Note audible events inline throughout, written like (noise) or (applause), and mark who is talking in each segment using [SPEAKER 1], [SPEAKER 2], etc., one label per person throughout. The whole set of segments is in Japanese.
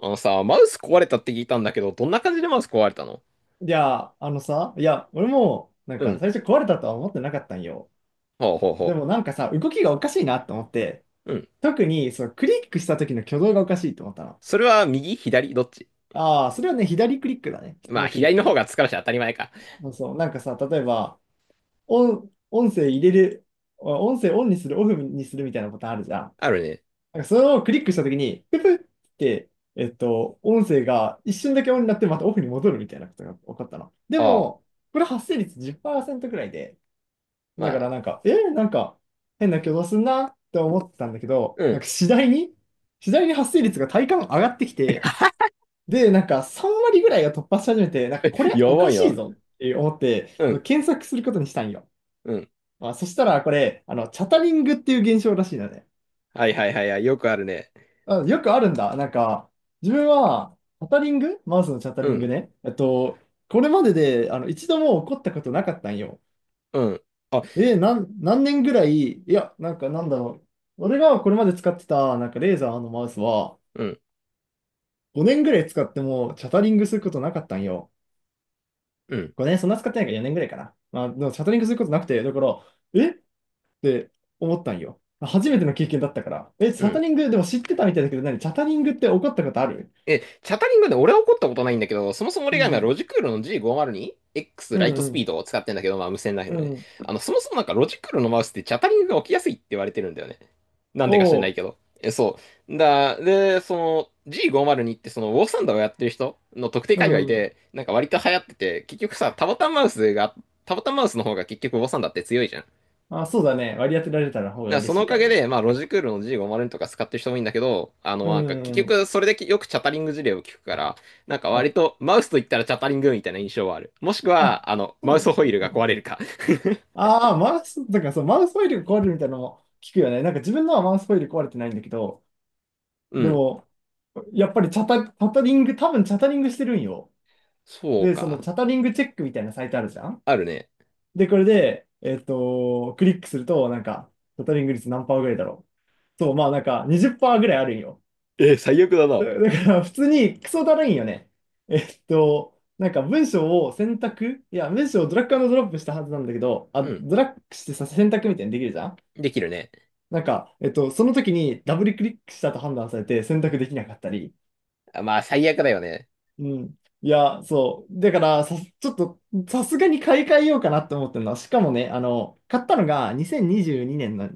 [SPEAKER 1] あのさ、マウス壊れたって聞いたんだけど、どんな感じでマウス壊れたの？
[SPEAKER 2] いや、あのさ、いや、俺も、なん
[SPEAKER 1] う
[SPEAKER 2] か
[SPEAKER 1] ん。
[SPEAKER 2] 最初壊れたとは思ってなかったんよ。
[SPEAKER 1] ほうほう
[SPEAKER 2] で
[SPEAKER 1] ほ
[SPEAKER 2] もなんかさ、動きがおかしいなと思って、
[SPEAKER 1] う。うん。
[SPEAKER 2] 特にそのクリックした時の挙動がおかしいと思ったの。
[SPEAKER 1] それは右左どっち？
[SPEAKER 2] ああ、それはね、左クリックだね。普通
[SPEAKER 1] まあ、
[SPEAKER 2] のクリ
[SPEAKER 1] 左
[SPEAKER 2] ッ
[SPEAKER 1] の方
[SPEAKER 2] ク。
[SPEAKER 1] が疲れし当たり前か。
[SPEAKER 2] そうそう、なんかさ、例えば、音、音声入れる、音声オンにする、オフにするみたいなボタンあるじゃん。
[SPEAKER 1] あるね。
[SPEAKER 2] なんかそれをクリックした時に、ププって、音声が一瞬だけオンになってまたオフに戻るみたいなことが起こったの。で
[SPEAKER 1] ああ。
[SPEAKER 2] も、これ発生率10%くらいで、
[SPEAKER 1] ま
[SPEAKER 2] だから
[SPEAKER 1] あ、
[SPEAKER 2] なんか、変な挙動すんなって思ってたんだけど、
[SPEAKER 1] う
[SPEAKER 2] なん
[SPEAKER 1] ん。
[SPEAKER 2] か次第に発生率が体感上がってきて、
[SPEAKER 1] (laughs)
[SPEAKER 2] で、なんか3割ぐらいが突破し始めて、なんかこれ
[SPEAKER 1] や
[SPEAKER 2] お
[SPEAKER 1] ば
[SPEAKER 2] か
[SPEAKER 1] い
[SPEAKER 2] しい
[SPEAKER 1] な。
[SPEAKER 2] ぞって思って、
[SPEAKER 1] う
[SPEAKER 2] その
[SPEAKER 1] ん。
[SPEAKER 2] 検索することにしたんよ。
[SPEAKER 1] うん。
[SPEAKER 2] まあ、そしたらこれ、チャタリングっていう現象らしいんだね。
[SPEAKER 1] はいはいはいはい。よくあるね。
[SPEAKER 2] あ、よくあるんだ。なんか、自分は、チャタリングマウスのチャタ
[SPEAKER 1] う
[SPEAKER 2] リング
[SPEAKER 1] ん。
[SPEAKER 2] ね。これまでで、一度も起こったことなかったんよ。
[SPEAKER 1] うん。あ、
[SPEAKER 2] 何年ぐらい、なんだろう。俺がこれまで使ってた、なんかレーザーのマウスは、
[SPEAKER 1] うん。
[SPEAKER 2] 5年ぐらい使ってもチャタリングすることなかったんよ。
[SPEAKER 1] うん。
[SPEAKER 2] 5年、そんな使ってないから4年ぐらいかな。まあ、でもチャタリングすることなくて、だから、えって思ったんよ。初めての経験だったから。え、チ
[SPEAKER 1] う
[SPEAKER 2] ャタ
[SPEAKER 1] ん。
[SPEAKER 2] リング、でも知ってたみたいだけど、何チャタリングって起こったことある？
[SPEAKER 1] え、チャタリングで俺は怒ったことないんだけど、そもそも
[SPEAKER 2] う
[SPEAKER 1] 俺が今
[SPEAKER 2] ん
[SPEAKER 1] ロジクールの G502X
[SPEAKER 2] う
[SPEAKER 1] ライト
[SPEAKER 2] ん。
[SPEAKER 1] ス
[SPEAKER 2] う
[SPEAKER 1] ピー
[SPEAKER 2] ん
[SPEAKER 1] ドを使ってんだけど、まあ無線ライフ
[SPEAKER 2] う
[SPEAKER 1] の
[SPEAKER 2] ん。
[SPEAKER 1] ね。
[SPEAKER 2] うん。
[SPEAKER 1] あの、そもそもなんかロジクールのマウスってチャタリングが起きやすいって言われてるんだよね。なんでか知らな
[SPEAKER 2] お
[SPEAKER 1] いけ
[SPEAKER 2] う。
[SPEAKER 1] ど。え、そう。で、その G502 ってそのウォーサンダーをやってる人の特定
[SPEAKER 2] う
[SPEAKER 1] 界隈
[SPEAKER 2] ん。
[SPEAKER 1] で、なんか割と流行ってて、結局さ、タボタンマウスの方が結局ウォーサンダーって強いじゃん。
[SPEAKER 2] あ、そうだね。割り当てられたら方
[SPEAKER 1] だ
[SPEAKER 2] が
[SPEAKER 1] からそ
[SPEAKER 2] 嬉し
[SPEAKER 1] のお
[SPEAKER 2] い
[SPEAKER 1] か
[SPEAKER 2] から
[SPEAKER 1] げ
[SPEAKER 2] ね。
[SPEAKER 1] で、まあ、ロジクールの G50 とか使ってる人もいいんだけど、あ
[SPEAKER 2] う
[SPEAKER 1] の、
[SPEAKER 2] ん
[SPEAKER 1] なんか、結
[SPEAKER 2] うんうん。
[SPEAKER 1] 局、それでよくチャタリング事例を聞くから、なんか
[SPEAKER 2] あ、
[SPEAKER 1] 割と、マウスと言ったらチャタリングみたいな印象はある。もしく
[SPEAKER 2] あ、
[SPEAKER 1] は、あの、マ
[SPEAKER 2] そ
[SPEAKER 1] ウス
[SPEAKER 2] う
[SPEAKER 1] ホ
[SPEAKER 2] だ
[SPEAKER 1] イール
[SPEAKER 2] う
[SPEAKER 1] が
[SPEAKER 2] ん
[SPEAKER 1] 壊
[SPEAKER 2] だ。
[SPEAKER 1] れるか。
[SPEAKER 2] ああ、マウス、なんかそう、マウスホイール壊れるみたいなの聞くよね。なんか自分のはマウスホイール壊れてないんだけど、
[SPEAKER 1] (laughs) う
[SPEAKER 2] で
[SPEAKER 1] ん。
[SPEAKER 2] も、やっぱりチャタ、チャタリング、多分チャタリングしてるんよ。
[SPEAKER 1] そう
[SPEAKER 2] で、その
[SPEAKER 1] か。
[SPEAKER 2] チャタリングチェックみたいなサイトあるじゃん。
[SPEAKER 1] あるね。
[SPEAKER 2] で、これで、クリックすると、なんか、チャタリング率何パーぐらいだろう。そう、まあなんか20%ぐらいあるんよ。
[SPEAKER 1] えー、最悪だな。
[SPEAKER 2] だから普通にクソだるいんよね。なんか文章を選択、いや、文章をドラッグアンドドロップしたはずなんだけど、
[SPEAKER 1] う
[SPEAKER 2] あ、
[SPEAKER 1] ん。
[SPEAKER 2] ドラッグしてさ、選択みたいにできるじゃん。
[SPEAKER 1] できるね。
[SPEAKER 2] なんか、その時にダブルクリックしたと判断されて選択できなかったり。
[SPEAKER 1] あ、まあ、最悪だよね。
[SPEAKER 2] うん。いや、そう。だから、さ、ちょっと、さすがに買い替えようかなって思ってるのは、しかもね、買ったのが2022年の、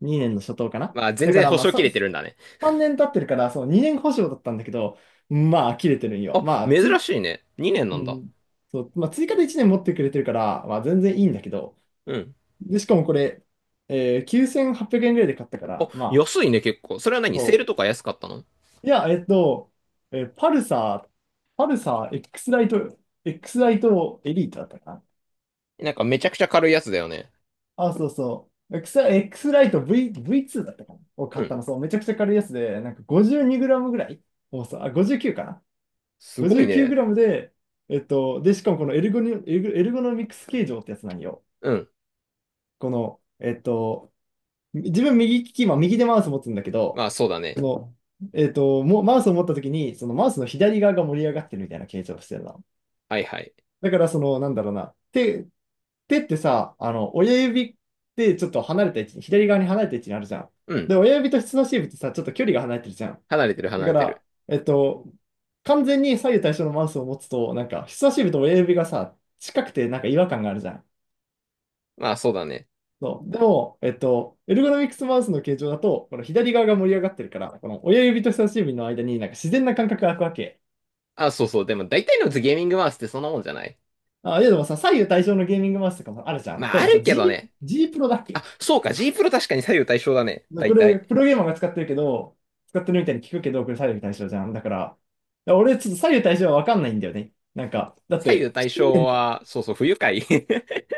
[SPEAKER 2] 2年の初頭かな。
[SPEAKER 1] まあ、全
[SPEAKER 2] だか
[SPEAKER 1] 然
[SPEAKER 2] ら、
[SPEAKER 1] 保
[SPEAKER 2] まあ、
[SPEAKER 1] 証切
[SPEAKER 2] さ、
[SPEAKER 1] れてるんだね。
[SPEAKER 2] 3年経ってるから、そう、2年保証だったんだけど、まあ、切れてるんよ。
[SPEAKER 1] あ、
[SPEAKER 2] まあ、つ
[SPEAKER 1] 珍
[SPEAKER 2] い、
[SPEAKER 1] しいね。2年な
[SPEAKER 2] う
[SPEAKER 1] んだ。
[SPEAKER 2] ん。そう、まあ、追加で1年持ってくれてるから、まあ、全然いいんだけど。
[SPEAKER 1] うん。
[SPEAKER 2] で、しかもこれ、9800円ぐらいで買ったか
[SPEAKER 1] あ、
[SPEAKER 2] ら、まあ、
[SPEAKER 1] 安いね、結構。それは何セールとか安かったの？
[SPEAKER 2] いや、えっと、えーパルサー、パルサー、X ライト、X ライトエリートだったかな。
[SPEAKER 1] なんかめちゃくちゃ軽いやつだよね。
[SPEAKER 2] あ、そうそう。X ライト V2 だったかな。を
[SPEAKER 1] う
[SPEAKER 2] 買った
[SPEAKER 1] ん。
[SPEAKER 2] の、そう、めちゃくちゃ軽いやつで、なんか 52g ぐらい重さ、あ、59かな。
[SPEAKER 1] すごいね。
[SPEAKER 2] 59g で、しかもこのエルゴニ、エルゴエルゴノミクス形状ってやつなんよ。
[SPEAKER 1] うん。
[SPEAKER 2] この、えっと、自分右利き、今右でマウス持つんだけど、
[SPEAKER 1] まあ、そうだね。
[SPEAKER 2] その、もうマウスを持った時に、そのマウスの左側が盛り上がってるみたいな形状をしてるな。
[SPEAKER 1] はいはい。
[SPEAKER 2] だから、その、なんだろうな。手ってさ、親指ってちょっと離れた位置に、左側に離れた位置にあるじゃん。
[SPEAKER 1] うん。
[SPEAKER 2] で、親指と人差し指ってさ、ちょっと距離が離れてるじゃん。
[SPEAKER 1] 離れてる
[SPEAKER 2] だ
[SPEAKER 1] 離
[SPEAKER 2] か
[SPEAKER 1] れて
[SPEAKER 2] ら、
[SPEAKER 1] る。
[SPEAKER 2] 完全に左右対称のマウスを持つと、なんか、人差し指と親指がさ、近くてなんか違和感があるじゃん。
[SPEAKER 1] まあそうだね。
[SPEAKER 2] そう。でも、エルゴノミクスマウスの形状だと、この左側が盛り上がってるから、この親指と人差し指の間になんか自然な感覚が空くわけ。
[SPEAKER 1] あ、そうそう。でも大体のゲーミングマウスってそんなもんじゃない？
[SPEAKER 2] あ、いやでもさ、左右対称のゲーミングマウスとかもあるじゃん。
[SPEAKER 1] まあ
[SPEAKER 2] 例え
[SPEAKER 1] あ
[SPEAKER 2] ばさ、
[SPEAKER 1] るけど ね。
[SPEAKER 2] G プロだっ
[SPEAKER 1] あ、
[SPEAKER 2] け？
[SPEAKER 1] そうか。G プロ確かに左右対称だね。
[SPEAKER 2] こ
[SPEAKER 1] 大
[SPEAKER 2] れ、
[SPEAKER 1] 体。
[SPEAKER 2] プロゲーマーが使ってるけど、使ってるみたいに聞くけど、これ左右対称じゃん。だから俺、ちょっと左右対称はわかんないんだよね。なんか、だっ
[SPEAKER 1] 左右
[SPEAKER 2] て、不
[SPEAKER 1] 対
[SPEAKER 2] 自
[SPEAKER 1] 称
[SPEAKER 2] 然じゃん。
[SPEAKER 1] は、そうそう、不愉快。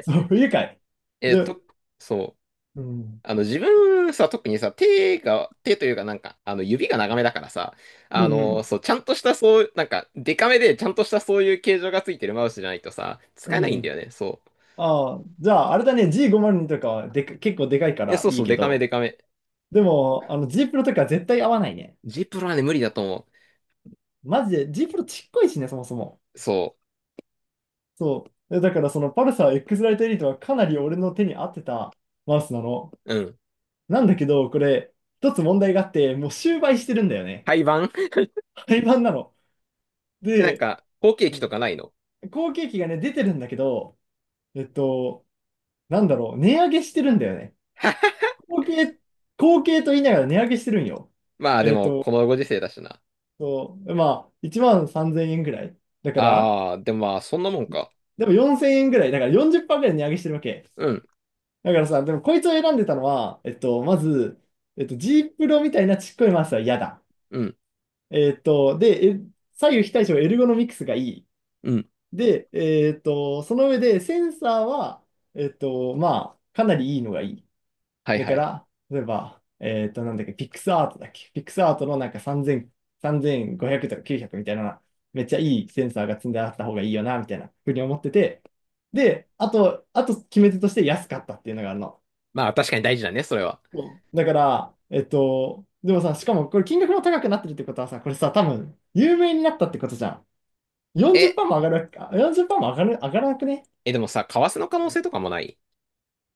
[SPEAKER 2] そう、不愉快。
[SPEAKER 1] (laughs) えっ
[SPEAKER 2] で、
[SPEAKER 1] と、そう。
[SPEAKER 2] うん、
[SPEAKER 1] あの自分さ、特にさ、手というかなんか、あの指が長めだからさ、
[SPEAKER 2] う
[SPEAKER 1] あの、
[SPEAKER 2] ん、
[SPEAKER 1] そう、ちゃんとしたそう、なんか、デカめでちゃんとしたそういう形状がついてるマウスじゃないとさ、使
[SPEAKER 2] う
[SPEAKER 1] えないんだよ
[SPEAKER 2] ん。
[SPEAKER 1] ね。そう。
[SPEAKER 2] ああ、じゃあ、あれだね、G502 とかはでか、結構でかいか
[SPEAKER 1] え、
[SPEAKER 2] ら
[SPEAKER 1] そう
[SPEAKER 2] いい
[SPEAKER 1] そう、
[SPEAKER 2] け
[SPEAKER 1] デカめ
[SPEAKER 2] ど、
[SPEAKER 1] デカめ。
[SPEAKER 2] でも、あの G プロとか絶対合わないね。
[SPEAKER 1] G プロはね、無理だと思
[SPEAKER 2] マジで、G プロちっこいしね、そもそも。
[SPEAKER 1] う。そ
[SPEAKER 2] そう。えだから、そのパルサー X ライトエリートはかなり俺の手に合ってたマウスなの。
[SPEAKER 1] う。うん。
[SPEAKER 2] なんだけど、これ、一つ問題があって、もう終売してるんだよね。
[SPEAKER 1] 廃盤。 (laughs)
[SPEAKER 2] 廃盤なの。
[SPEAKER 1] え、なん
[SPEAKER 2] で、
[SPEAKER 1] か、後継
[SPEAKER 2] う
[SPEAKER 1] 機とか
[SPEAKER 2] ん、
[SPEAKER 1] ないの？
[SPEAKER 2] 後継機がね、出てるんだけど、えっと、なんだろう、値上げしてるんだよね。
[SPEAKER 1] (laughs)
[SPEAKER 2] 後継、後継と言いながら値上げしてるんよ。
[SPEAKER 1] まあで
[SPEAKER 2] えっ
[SPEAKER 1] も、こ
[SPEAKER 2] と、
[SPEAKER 1] のご時世だしな。
[SPEAKER 2] そう、まあ、1万3000円ぐらい。だから、
[SPEAKER 1] ああ、でもまあ、そんなもんか。
[SPEAKER 2] でも4000円ぐらい。だから40%ぐらい値上げしてるわけ。
[SPEAKER 1] うん、
[SPEAKER 2] だからさ、でもこいつを選んでたのは、まず、G プロみたいなちっこいマウスは嫌だ。
[SPEAKER 1] うん、
[SPEAKER 2] えっと、で、え左右非対称エルゴノミクスがいい。
[SPEAKER 1] うん。
[SPEAKER 2] で、その上でセンサーは、まあ、かなりいいのがいい。
[SPEAKER 1] はい
[SPEAKER 2] だ
[SPEAKER 1] は
[SPEAKER 2] か
[SPEAKER 1] い。
[SPEAKER 2] ら、例えば、なんだっけ、ピックスアートだっけ。ピックスアートのなんか3000、3500とか900みたいな、めっちゃいいセンサーが積んであった方がいいよな、みたいなふうに思ってて。で、あと決め手として安かったっていうのがあるの。
[SPEAKER 1] まあ確かに大事だね、それは。
[SPEAKER 2] そうだから、でもさ、しかもこれ金額も高くなってるってことはさ、これさ、多分、有名になったってことじゃん。
[SPEAKER 1] え、
[SPEAKER 2] 40%も上がるわけか、40%も上がる、上がらなくね？
[SPEAKER 1] え、でもさ、為替の可能性とかもない？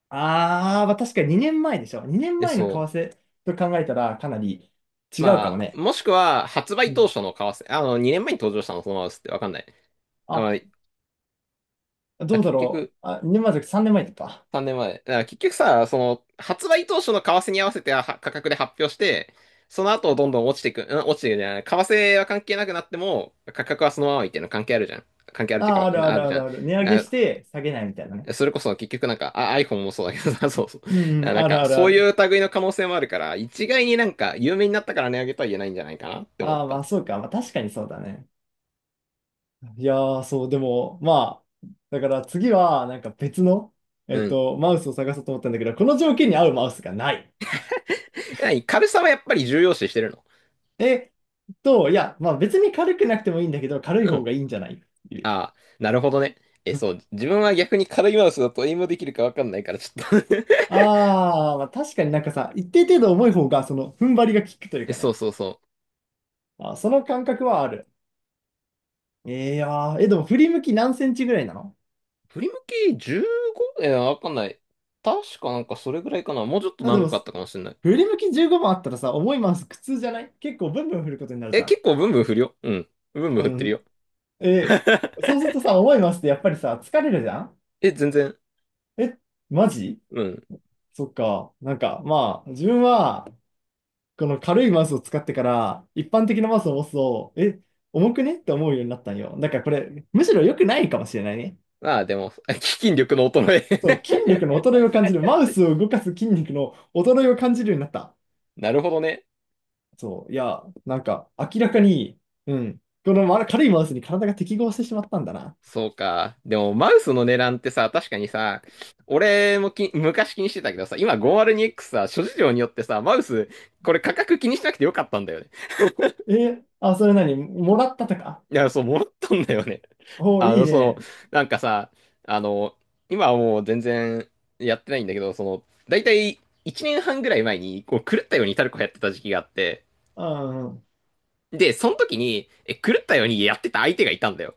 [SPEAKER 2] ああ、まあ確かに2年前でしょ。2
[SPEAKER 1] え、
[SPEAKER 2] 年前の為
[SPEAKER 1] そ
[SPEAKER 2] 替と考えたらかなり
[SPEAKER 1] う。
[SPEAKER 2] 違う
[SPEAKER 1] ま
[SPEAKER 2] かも
[SPEAKER 1] あ、
[SPEAKER 2] ね。
[SPEAKER 1] もしくは、発
[SPEAKER 2] う
[SPEAKER 1] 売当
[SPEAKER 2] ん。
[SPEAKER 1] 初の為替、あの、2年前に登場したのそのままですってわかんない。あ、ま
[SPEAKER 2] あ、
[SPEAKER 1] あ、あ
[SPEAKER 2] どうだ
[SPEAKER 1] 結
[SPEAKER 2] ろ
[SPEAKER 1] 局、
[SPEAKER 2] う。あ、2年前じゃなくて3年前か。
[SPEAKER 1] 3年前。だから結局さ、その、発売当初の為替に合わせては価格で発表して、その後どんどん落ちていく、うん、落ちていくじゃない。為替は関係なくなっても、価格はそのままいっていうの関係あるじゃん。関係あるってい
[SPEAKER 2] ああ、
[SPEAKER 1] う
[SPEAKER 2] ある
[SPEAKER 1] か、
[SPEAKER 2] あ
[SPEAKER 1] あ
[SPEAKER 2] る
[SPEAKER 1] る
[SPEAKER 2] あ
[SPEAKER 1] じゃ
[SPEAKER 2] る
[SPEAKER 1] ん。
[SPEAKER 2] ある。値上げし
[SPEAKER 1] あ、
[SPEAKER 2] て下げないみたいなね。
[SPEAKER 1] それこそ結局なんか、あ、iPhone もそうだけどさ、(laughs) そうそう。だか
[SPEAKER 2] うんう
[SPEAKER 1] ら
[SPEAKER 2] ん、
[SPEAKER 1] なん
[SPEAKER 2] ある
[SPEAKER 1] か、
[SPEAKER 2] ある
[SPEAKER 1] そ
[SPEAKER 2] あ
[SPEAKER 1] うい
[SPEAKER 2] る。
[SPEAKER 1] う類の可能性もあるから、一概になんか、有名になったから値上げとは言えないんじゃないかなって思っ
[SPEAKER 2] ああ、ま
[SPEAKER 1] た。
[SPEAKER 2] あそうか。まあ確かにそうだね。いやー、そう、でも、まあ、だから次はなんか別の、
[SPEAKER 1] うん。
[SPEAKER 2] マウスを探そうと思ったんだけど、この条件に合うマウスがない。
[SPEAKER 1] え、や軽さはやっぱり重要視してるの？
[SPEAKER 2] えいや、まあ別に軽くなくてもいいんだけど、軽い
[SPEAKER 1] う
[SPEAKER 2] 方
[SPEAKER 1] ん。
[SPEAKER 2] がいいんじゃないっていう。
[SPEAKER 1] ああ、なるほどね。え、そう、自分は逆に軽いマウスだとエイムできるかわかんないから、ちょっと。 (laughs)
[SPEAKER 2] ああ、まあ、確かになんかさ、一定程度重い方が、その、踏ん張りが効くという
[SPEAKER 1] え、
[SPEAKER 2] か
[SPEAKER 1] そう
[SPEAKER 2] ね。
[SPEAKER 1] そうそう。
[SPEAKER 2] あー、その感覚はある。えー、いやーえ、でも振り向き何センチぐらいなの？
[SPEAKER 1] 振り向き 15？ え、わかんない。確かなんかそれぐらいかな。もうちょっと
[SPEAKER 2] あ、で
[SPEAKER 1] 長
[SPEAKER 2] も、
[SPEAKER 1] かったかもしれない。
[SPEAKER 2] 振り向き15番あったらさ、重いマウス苦痛じゃない？結構ブンブン振ることになる
[SPEAKER 1] え、
[SPEAKER 2] じゃん。
[SPEAKER 1] 結構ブンブン振るよ。うん。ブンブン
[SPEAKER 2] う
[SPEAKER 1] 振ってるよ。
[SPEAKER 2] ん。
[SPEAKER 1] (laughs)
[SPEAKER 2] えーそうするとさ、重いマウスってやっぱりさ、疲れるじゃん？
[SPEAKER 1] え、全然。
[SPEAKER 2] え、マジ？
[SPEAKER 1] うん。
[SPEAKER 2] そっか。なんか、まあ、自分は、この軽いマウスを使ってから、一般的なマウスを持つと、え、重くねって思うようになったんよ。だからこれ、むしろ良くないかもしれないね。
[SPEAKER 1] ああ、でも、(laughs) あ基金力の衰
[SPEAKER 2] そう、
[SPEAKER 1] え。
[SPEAKER 2] 筋
[SPEAKER 1] (laughs)
[SPEAKER 2] 力の衰えを感じる。マウスを動かす筋肉の衰えを感じるようになった。
[SPEAKER 1] なるほどね。
[SPEAKER 2] そう、いや、なんか、明らかに、うん、この軽いマウスに体が適合してしまったんだな。
[SPEAKER 1] そうか。でも、マウスの値段ってさ、確かにさ、俺もき、昔気にしてたけどさ、今 502X さ、諸事情によってさ、マウス、これ価格気にしなくてよかったんだよね。
[SPEAKER 2] え、あ、それ何もらったとか。
[SPEAKER 1] いや、そう、戻ったんだよね。(laughs)
[SPEAKER 2] おー
[SPEAKER 1] あ
[SPEAKER 2] いい
[SPEAKER 1] の、その、
[SPEAKER 2] ね。
[SPEAKER 1] なんかさ、あの、今はもう全然やってないんだけど、その、だいたい1年半ぐらい前に、こう、狂ったようにタルコやってた時期があって、
[SPEAKER 2] うんうん、
[SPEAKER 1] で、その時に、え、狂ったようにやってた相手がいたんだよ。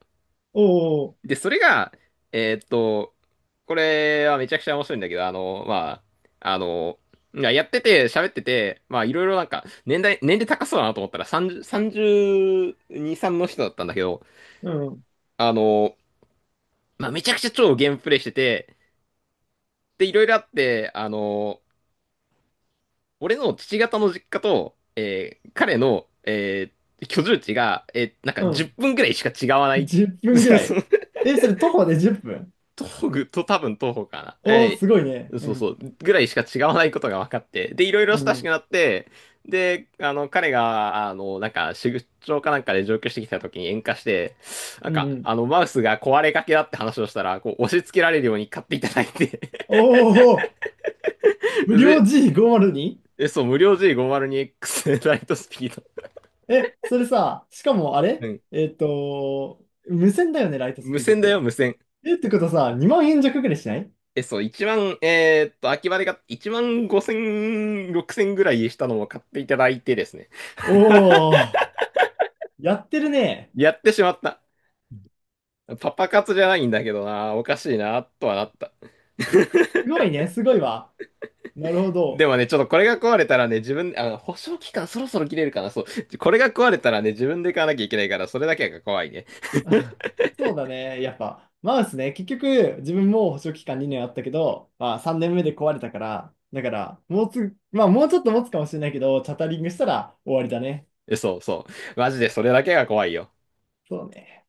[SPEAKER 2] おお、
[SPEAKER 1] で、それが、えーっと、これはめちゃくちゃ面白いんだけど、あの、まあ、あの、いややってて、喋ってて、まあ、いろいろなんか、年齢高そうだなと思ったら、30、32、3の人だったんだけど、
[SPEAKER 2] うん、
[SPEAKER 1] あの、まあ、めちゃくちゃ超ゲームプレイしてて、で、いろいろあって、あの、俺の父方の実家と、えー彼の、えー居住地が、えーなんか
[SPEAKER 2] う
[SPEAKER 1] 10
[SPEAKER 2] ん。
[SPEAKER 1] 分ぐらいしか違わない。
[SPEAKER 2] 10分ぐらい。
[SPEAKER 1] (laughs)
[SPEAKER 2] え、それ徒歩で10分。
[SPEAKER 1] 東具と多分東方かな。
[SPEAKER 2] おー
[SPEAKER 1] え
[SPEAKER 2] すごいね。
[SPEAKER 1] い
[SPEAKER 2] う
[SPEAKER 1] そうそ
[SPEAKER 2] ん、
[SPEAKER 1] う。ぐらいしか違わないことが分かって。で、いろいろ
[SPEAKER 2] う
[SPEAKER 1] 親しく
[SPEAKER 2] ん、
[SPEAKER 1] なって、で、あの、彼が、あの、なんか、出張かなんかで上京してきた時に喧嘩して、なん
[SPEAKER 2] うん、う
[SPEAKER 1] か、
[SPEAKER 2] ん。
[SPEAKER 1] あの、マウスが壊れかけだって話をしたら、こう、押し付けられるように買っていただいて。
[SPEAKER 2] おお、無
[SPEAKER 1] (laughs)
[SPEAKER 2] 料
[SPEAKER 1] で、
[SPEAKER 2] G502？
[SPEAKER 1] え、そう、無料 G502X ライトスピード。
[SPEAKER 2] え、それさ、しかもあ
[SPEAKER 1] う
[SPEAKER 2] れ
[SPEAKER 1] ん。
[SPEAKER 2] 無線だよね、ライトス
[SPEAKER 1] 無
[SPEAKER 2] ピードっ
[SPEAKER 1] 線だ
[SPEAKER 2] て。
[SPEAKER 1] よ、無線。
[SPEAKER 2] え、ってことさ、2万円弱ぐらいしない？
[SPEAKER 1] え、そう、秋葉で買っ万5千、6千ぐらいしたのも買っていただいてですね。
[SPEAKER 2] おー、やってるね。
[SPEAKER 1] やってしまった。パパ活じゃないんだけどな、おかしいな、とはなった。
[SPEAKER 2] すごいね、すごいわ。なるほ
[SPEAKER 1] で
[SPEAKER 2] ど。
[SPEAKER 1] もね、ちょっとこれが壊れたらね、自分、あ、保証期間そろそろ切れるかな、そう。これが壊れたらね、自分で買わなきゃいけないから、それだけが怖いね。
[SPEAKER 2] (laughs) そうだね、やっぱ。マウスね、結局、自分も保証期間2年あったけど、まあ3年目で壊れたから、だから、もうつ、まあもうちょっと持つかもしれないけど、チャタリングしたら終わりだね。
[SPEAKER 1] えそうそう。マジでそれだけが怖いよ。
[SPEAKER 2] そうね。